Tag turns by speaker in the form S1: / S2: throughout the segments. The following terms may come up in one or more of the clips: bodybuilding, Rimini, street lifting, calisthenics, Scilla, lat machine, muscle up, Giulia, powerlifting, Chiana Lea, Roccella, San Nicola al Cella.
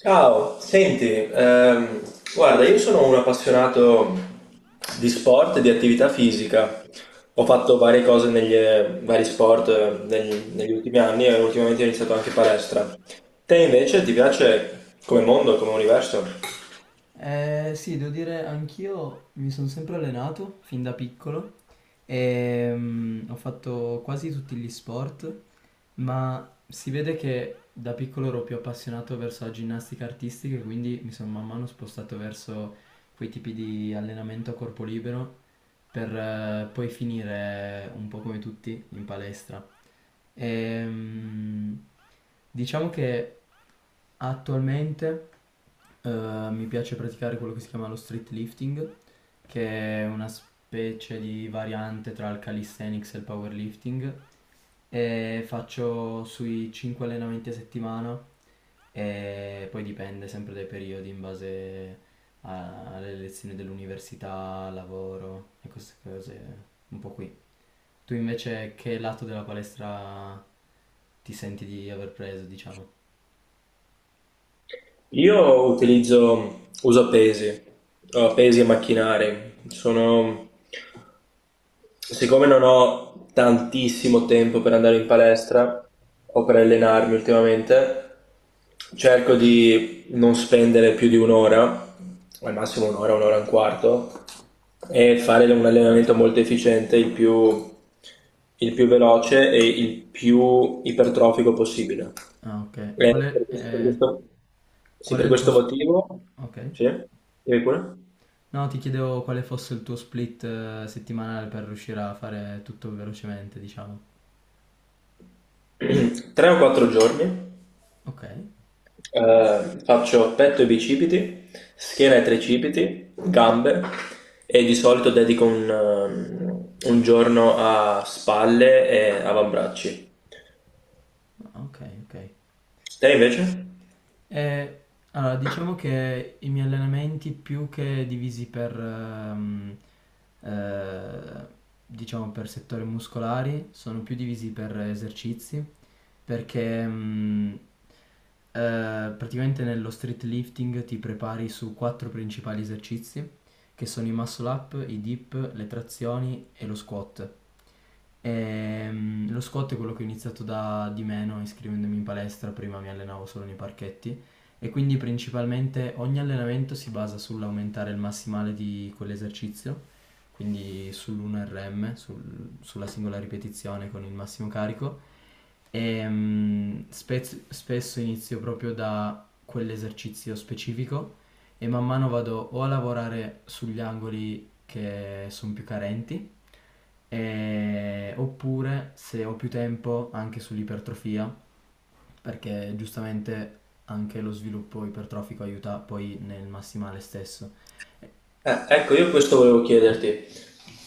S1: Ciao, senti, ehm, guarda, io sono un appassionato di sport e di attività fisica. Ho fatto varie cose negli vari sport negli ultimi anni e ultimamente ho iniziato anche palestra. Te invece ti piace come mondo, come universo?
S2: Sì, devo dire, anch'io mi sono sempre allenato fin da piccolo e ho fatto quasi tutti gli sport, ma si vede che da piccolo ero più appassionato verso la ginnastica artistica e quindi mi sono man mano spostato verso quei tipi di allenamento a corpo libero per poi finire un po' come tutti in palestra. Ehm, diciamo che attualmente eh, mi piace praticare quello che si chiama lo street lifting, che è una specie di variante tra il calisthenics e il powerlifting, e faccio sui 5 allenamenti a settimana e poi dipende sempre dai periodi in base alle lezioni dell'università, lavoro e queste cose un po' qui. Tu invece che lato della palestra ti senti di aver preso, diciamo?
S1: Uso pesi, pesi e macchinari. Sono Siccome non ho tantissimo tempo per andare in palestra o per allenarmi ultimamente, cerco di non spendere più di un'ora, al massimo un'ora, un'ora e un quarto, e fare un allenamento molto efficiente, il più veloce e il più ipertrofico possibile.
S2: Ah, ok. Qual
S1: E per
S2: è,
S1: questo, per
S2: eh,
S1: questo- sì,
S2: qual è
S1: per
S2: il tuo...
S1: questo
S2: sp-
S1: motivo,
S2: Ok.
S1: sì, dimmi pure.
S2: No, ti chiedevo quale fosse il tuo split settimanale per riuscire a fare tutto velocemente, diciamo.
S1: Tre o quattro giorni.
S2: Ok.
S1: Faccio petto e bicipiti, schiena e tricipiti, gambe e di solito dedico un giorno a spalle e avambracci.
S2: Ah, ok, ok.
S1: Te invece?
S2: Eh, allora, diciamo che i miei allenamenti più che divisi per, eh, diciamo per settori muscolari, sono più divisi per esercizi, perché praticamente nello street lifting ti prepari su quattro principali esercizi, che sono i muscle up, i dip, le trazioni e lo squat. Lo squat è quello che ho iniziato da di meno iscrivendomi in palestra, prima mi allenavo solo nei parchetti e quindi principalmente ogni allenamento si basa sull'aumentare il massimale di quell'esercizio, quindi sull'1RM, sulla singola ripetizione con il massimo carico. E spesso inizio proprio da quell'esercizio specifico e man mano vado o a lavorare sugli angoli che sono più carenti, oppure se ho più tempo anche sull'ipertrofia, perché giustamente anche lo sviluppo ipertrofico aiuta poi nel massimale stesso.
S1: Ecco, io questo volevo chiederti.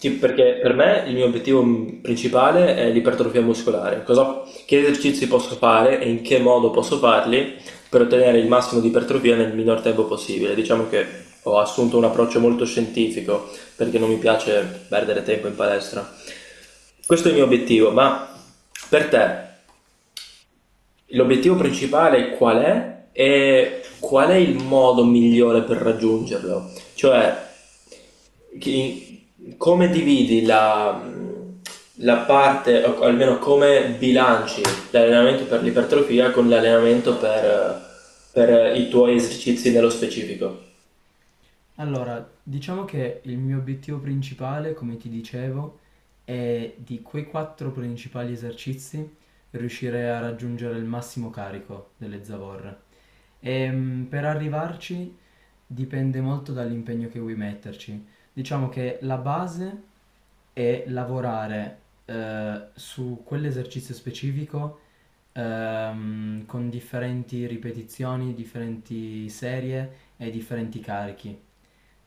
S1: Perché per me il mio obiettivo principale è l'ipertrofia muscolare. Che esercizi posso fare e in che modo posso farli per ottenere il massimo di ipertrofia nel minor tempo possibile? Diciamo che ho assunto un approccio molto scientifico perché non mi piace perdere tempo in palestra. Questo è il mio obiettivo, ma per te l'obiettivo principale qual è? E qual è il modo migliore per raggiungerlo? Cioè, come dividi la parte, o almeno come bilanci l'allenamento per l'ipertrofia con l'allenamento per i tuoi esercizi nello specifico?
S2: Allora, diciamo che il mio obiettivo principale, come ti dicevo, è di quei quattro principali esercizi riuscire a raggiungere il massimo carico delle zavorre. Per arrivarci dipende molto dall'impegno che vuoi metterci. Diciamo che la base è lavorare su quell'esercizio specifico con differenti ripetizioni, differenti serie e differenti carichi.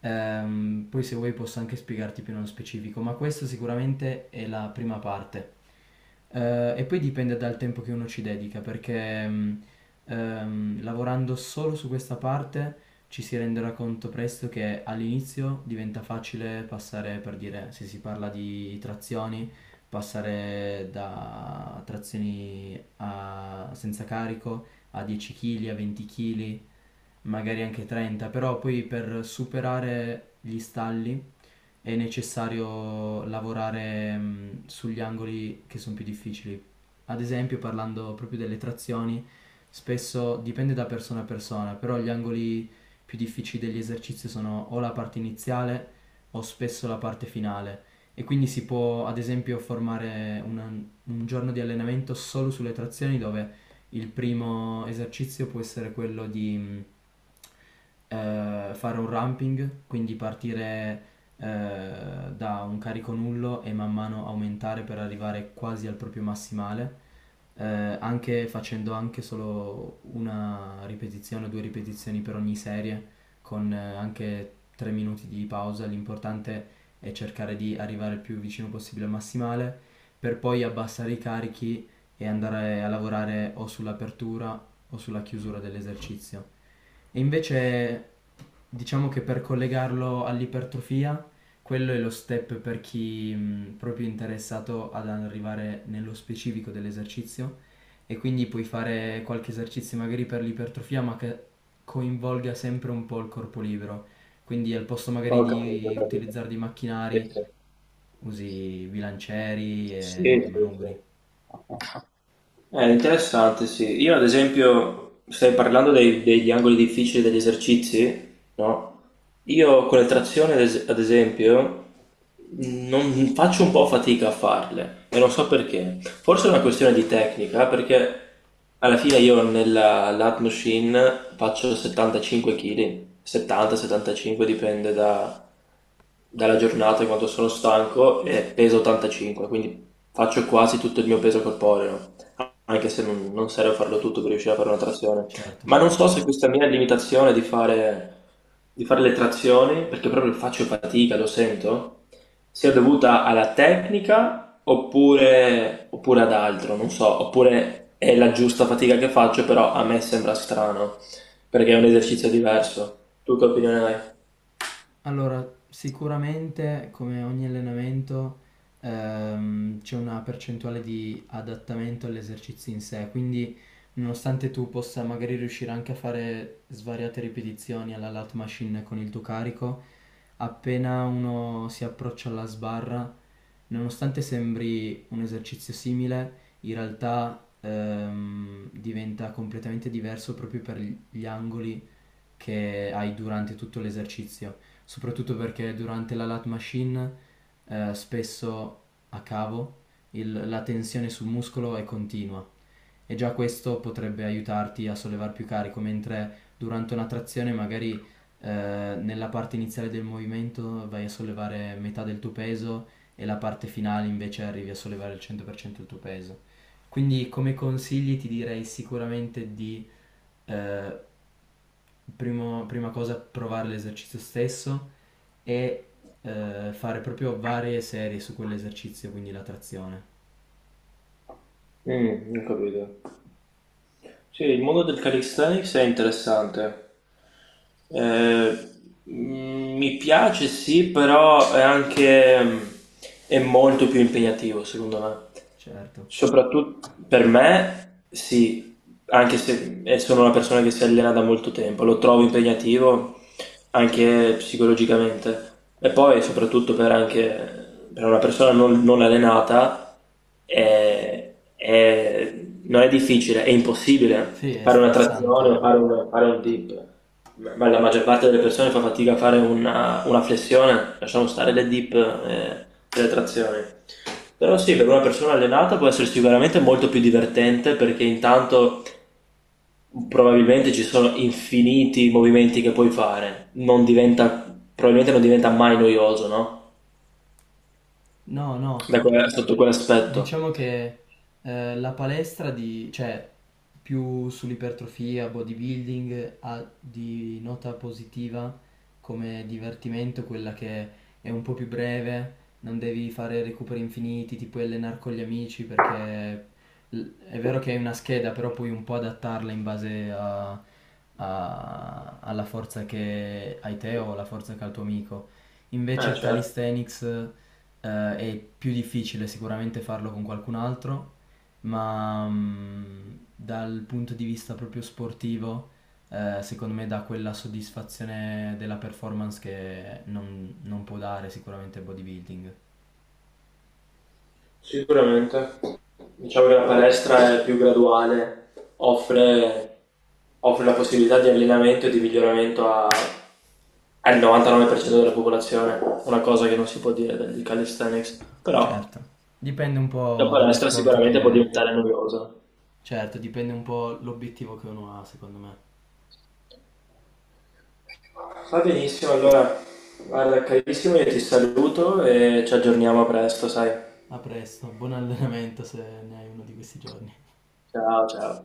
S2: Poi se vuoi posso anche spiegarti più nello specifico, ma questa sicuramente è la prima parte. E poi dipende dal tempo che uno ci dedica, perché lavorando solo su questa parte ci si renderà conto presto che all'inizio diventa facile passare, per dire, se si parla di trazioni, passare da trazioni senza carico a 10 kg, a 20 kg, magari anche 30, però poi per superare gli stalli è necessario lavorare sugli angoli che sono più difficili. Ad esempio, parlando proprio delle trazioni, spesso dipende da persona a persona, però gli angoli più difficili degli esercizi sono o la parte iniziale o spesso la parte finale. E quindi si può, ad esempio, formare un giorno di allenamento solo sulle trazioni dove il primo esercizio può essere quello di fare un ramping, quindi partire da un carico nullo e man mano aumentare per arrivare quasi al proprio massimale, anche facendo anche solo una ripetizione o due ripetizioni per ogni serie, con anche 3 minuti di pausa. L'importante è cercare di arrivare il più vicino possibile al massimale, per poi abbassare i carichi e andare a lavorare o sull'apertura o sulla chiusura dell'esercizio. E invece diciamo che per collegarlo all'ipertrofia quello è lo step per chi proprio è interessato ad arrivare nello specifico dell'esercizio e quindi puoi fare qualche esercizio magari per l'ipertrofia ma che coinvolga sempre un po' il corpo libero. Quindi al posto magari
S1: Ho capito, ho
S2: di
S1: capito.
S2: utilizzare dei
S1: Sì,
S2: macchinari usi bilancieri
S1: sì,
S2: e
S1: sì, sì,
S2: manubri.
S1: sì. È interessante, sì. Io ad esempio, stai parlando degli angoli difficili degli esercizi, no? Io con le trazioni, ad esempio, non faccio un po' fatica a farle e non so perché. Forse è una questione di tecnica, perché alla fine io nella lat machine faccio 75 kg, 70-75 dipende dalla giornata e quanto sono stanco e peso 85, quindi faccio quasi tutto il mio peso corporeo anche se non serve farlo tutto per riuscire a fare una trazione.
S2: Certo.
S1: Ma non so se questa mia limitazione di di fare le trazioni, perché proprio faccio fatica, lo sento, sia dovuta alla tecnica oppure ad altro, non so, oppure è la giusta fatica che faccio, però a me sembra strano, perché è un esercizio diverso. Tu che opinione hai?
S2: Allora, sicuramente come ogni allenamento c'è una percentuale di adattamento all'esercizio in sé, quindi nonostante tu possa magari riuscire anche a fare svariate ripetizioni alla lat machine con il tuo carico, appena uno si approccia alla sbarra, nonostante sembri un esercizio simile, in realtà diventa completamente diverso proprio per gli angoli che hai durante tutto l'esercizio, soprattutto perché durante la lat machine spesso a cavo la tensione sul muscolo è continua e già questo potrebbe aiutarti a sollevare più carico, mentre durante una trazione magari nella parte iniziale del movimento vai a sollevare metà del tuo peso e la parte finale invece arrivi a sollevare il 100% del tuo peso. Quindi come consigli ti direi sicuramente di eh, prima cosa provare l'esercizio stesso e fare proprio varie serie su quell'esercizio, quindi la trazione.
S1: Mm, non capito. Sì, il mondo del calisthenics è interessante. Eh, Mi piace, sì, però è anche è molto più impegnativo, secondo me.
S2: Certo.
S1: Soprattutto per me, sì, anche se è sono una persona che si allena da molto tempo, lo trovo impegnativo anche psicologicamente e poi soprattutto anche, per una persona non allenata non è difficile, è impossibile
S2: Sì, è
S1: fare una trazione o
S2: stressante.
S1: fare fare un dip, ma la maggior parte delle persone fa fatica a fare una flessione, lasciamo stare le dip e le trazioni. Però sì, per una persona allenata può essere sicuramente molto più divertente perché intanto probabilmente ci sono infiniti movimenti che puoi fare, non diventa, probabilmente non diventa mai noioso, no?
S2: No, no,
S1: Sotto quell'aspetto.
S2: diciamo che la palestra di, cioè più sull'ipertrofia, bodybuilding, ha di nota positiva come divertimento quella che è un po' più breve, non devi fare recuperi infiniti, ti puoi allenare con gli amici perché l- è vero che hai una scheda, però puoi un po' adattarla in base alla forza che hai te o alla forza che ha il tuo amico. Invece
S1: Eh
S2: il
S1: certo,
S2: calisthenics è più difficile sicuramente farlo con qualcun altro, ma dal punto di vista proprio sportivo, secondo me dà quella soddisfazione della performance che non può dare sicuramente il bodybuilding.
S1: sicuramente. Diciamo che la palestra è più graduale, offre, offre la possibilità di allenamento e di miglioramento al 99% della popolazione, una cosa che non si può dire del calisthenics, però...
S2: Certo, dipende un
S1: La
S2: po' dallo
S1: palestra
S2: sport
S1: sicuramente può
S2: che...
S1: diventare noiosa.
S2: Certo, dipende un po' l'obiettivo che uno ha, secondo me.
S1: Va benissimo, allora, guarda, carissimo, io ti saluto e ci aggiorniamo presto, sai?
S2: A presto, buon allenamento se ne hai uno di questi giorni.
S1: Ciao, ciao.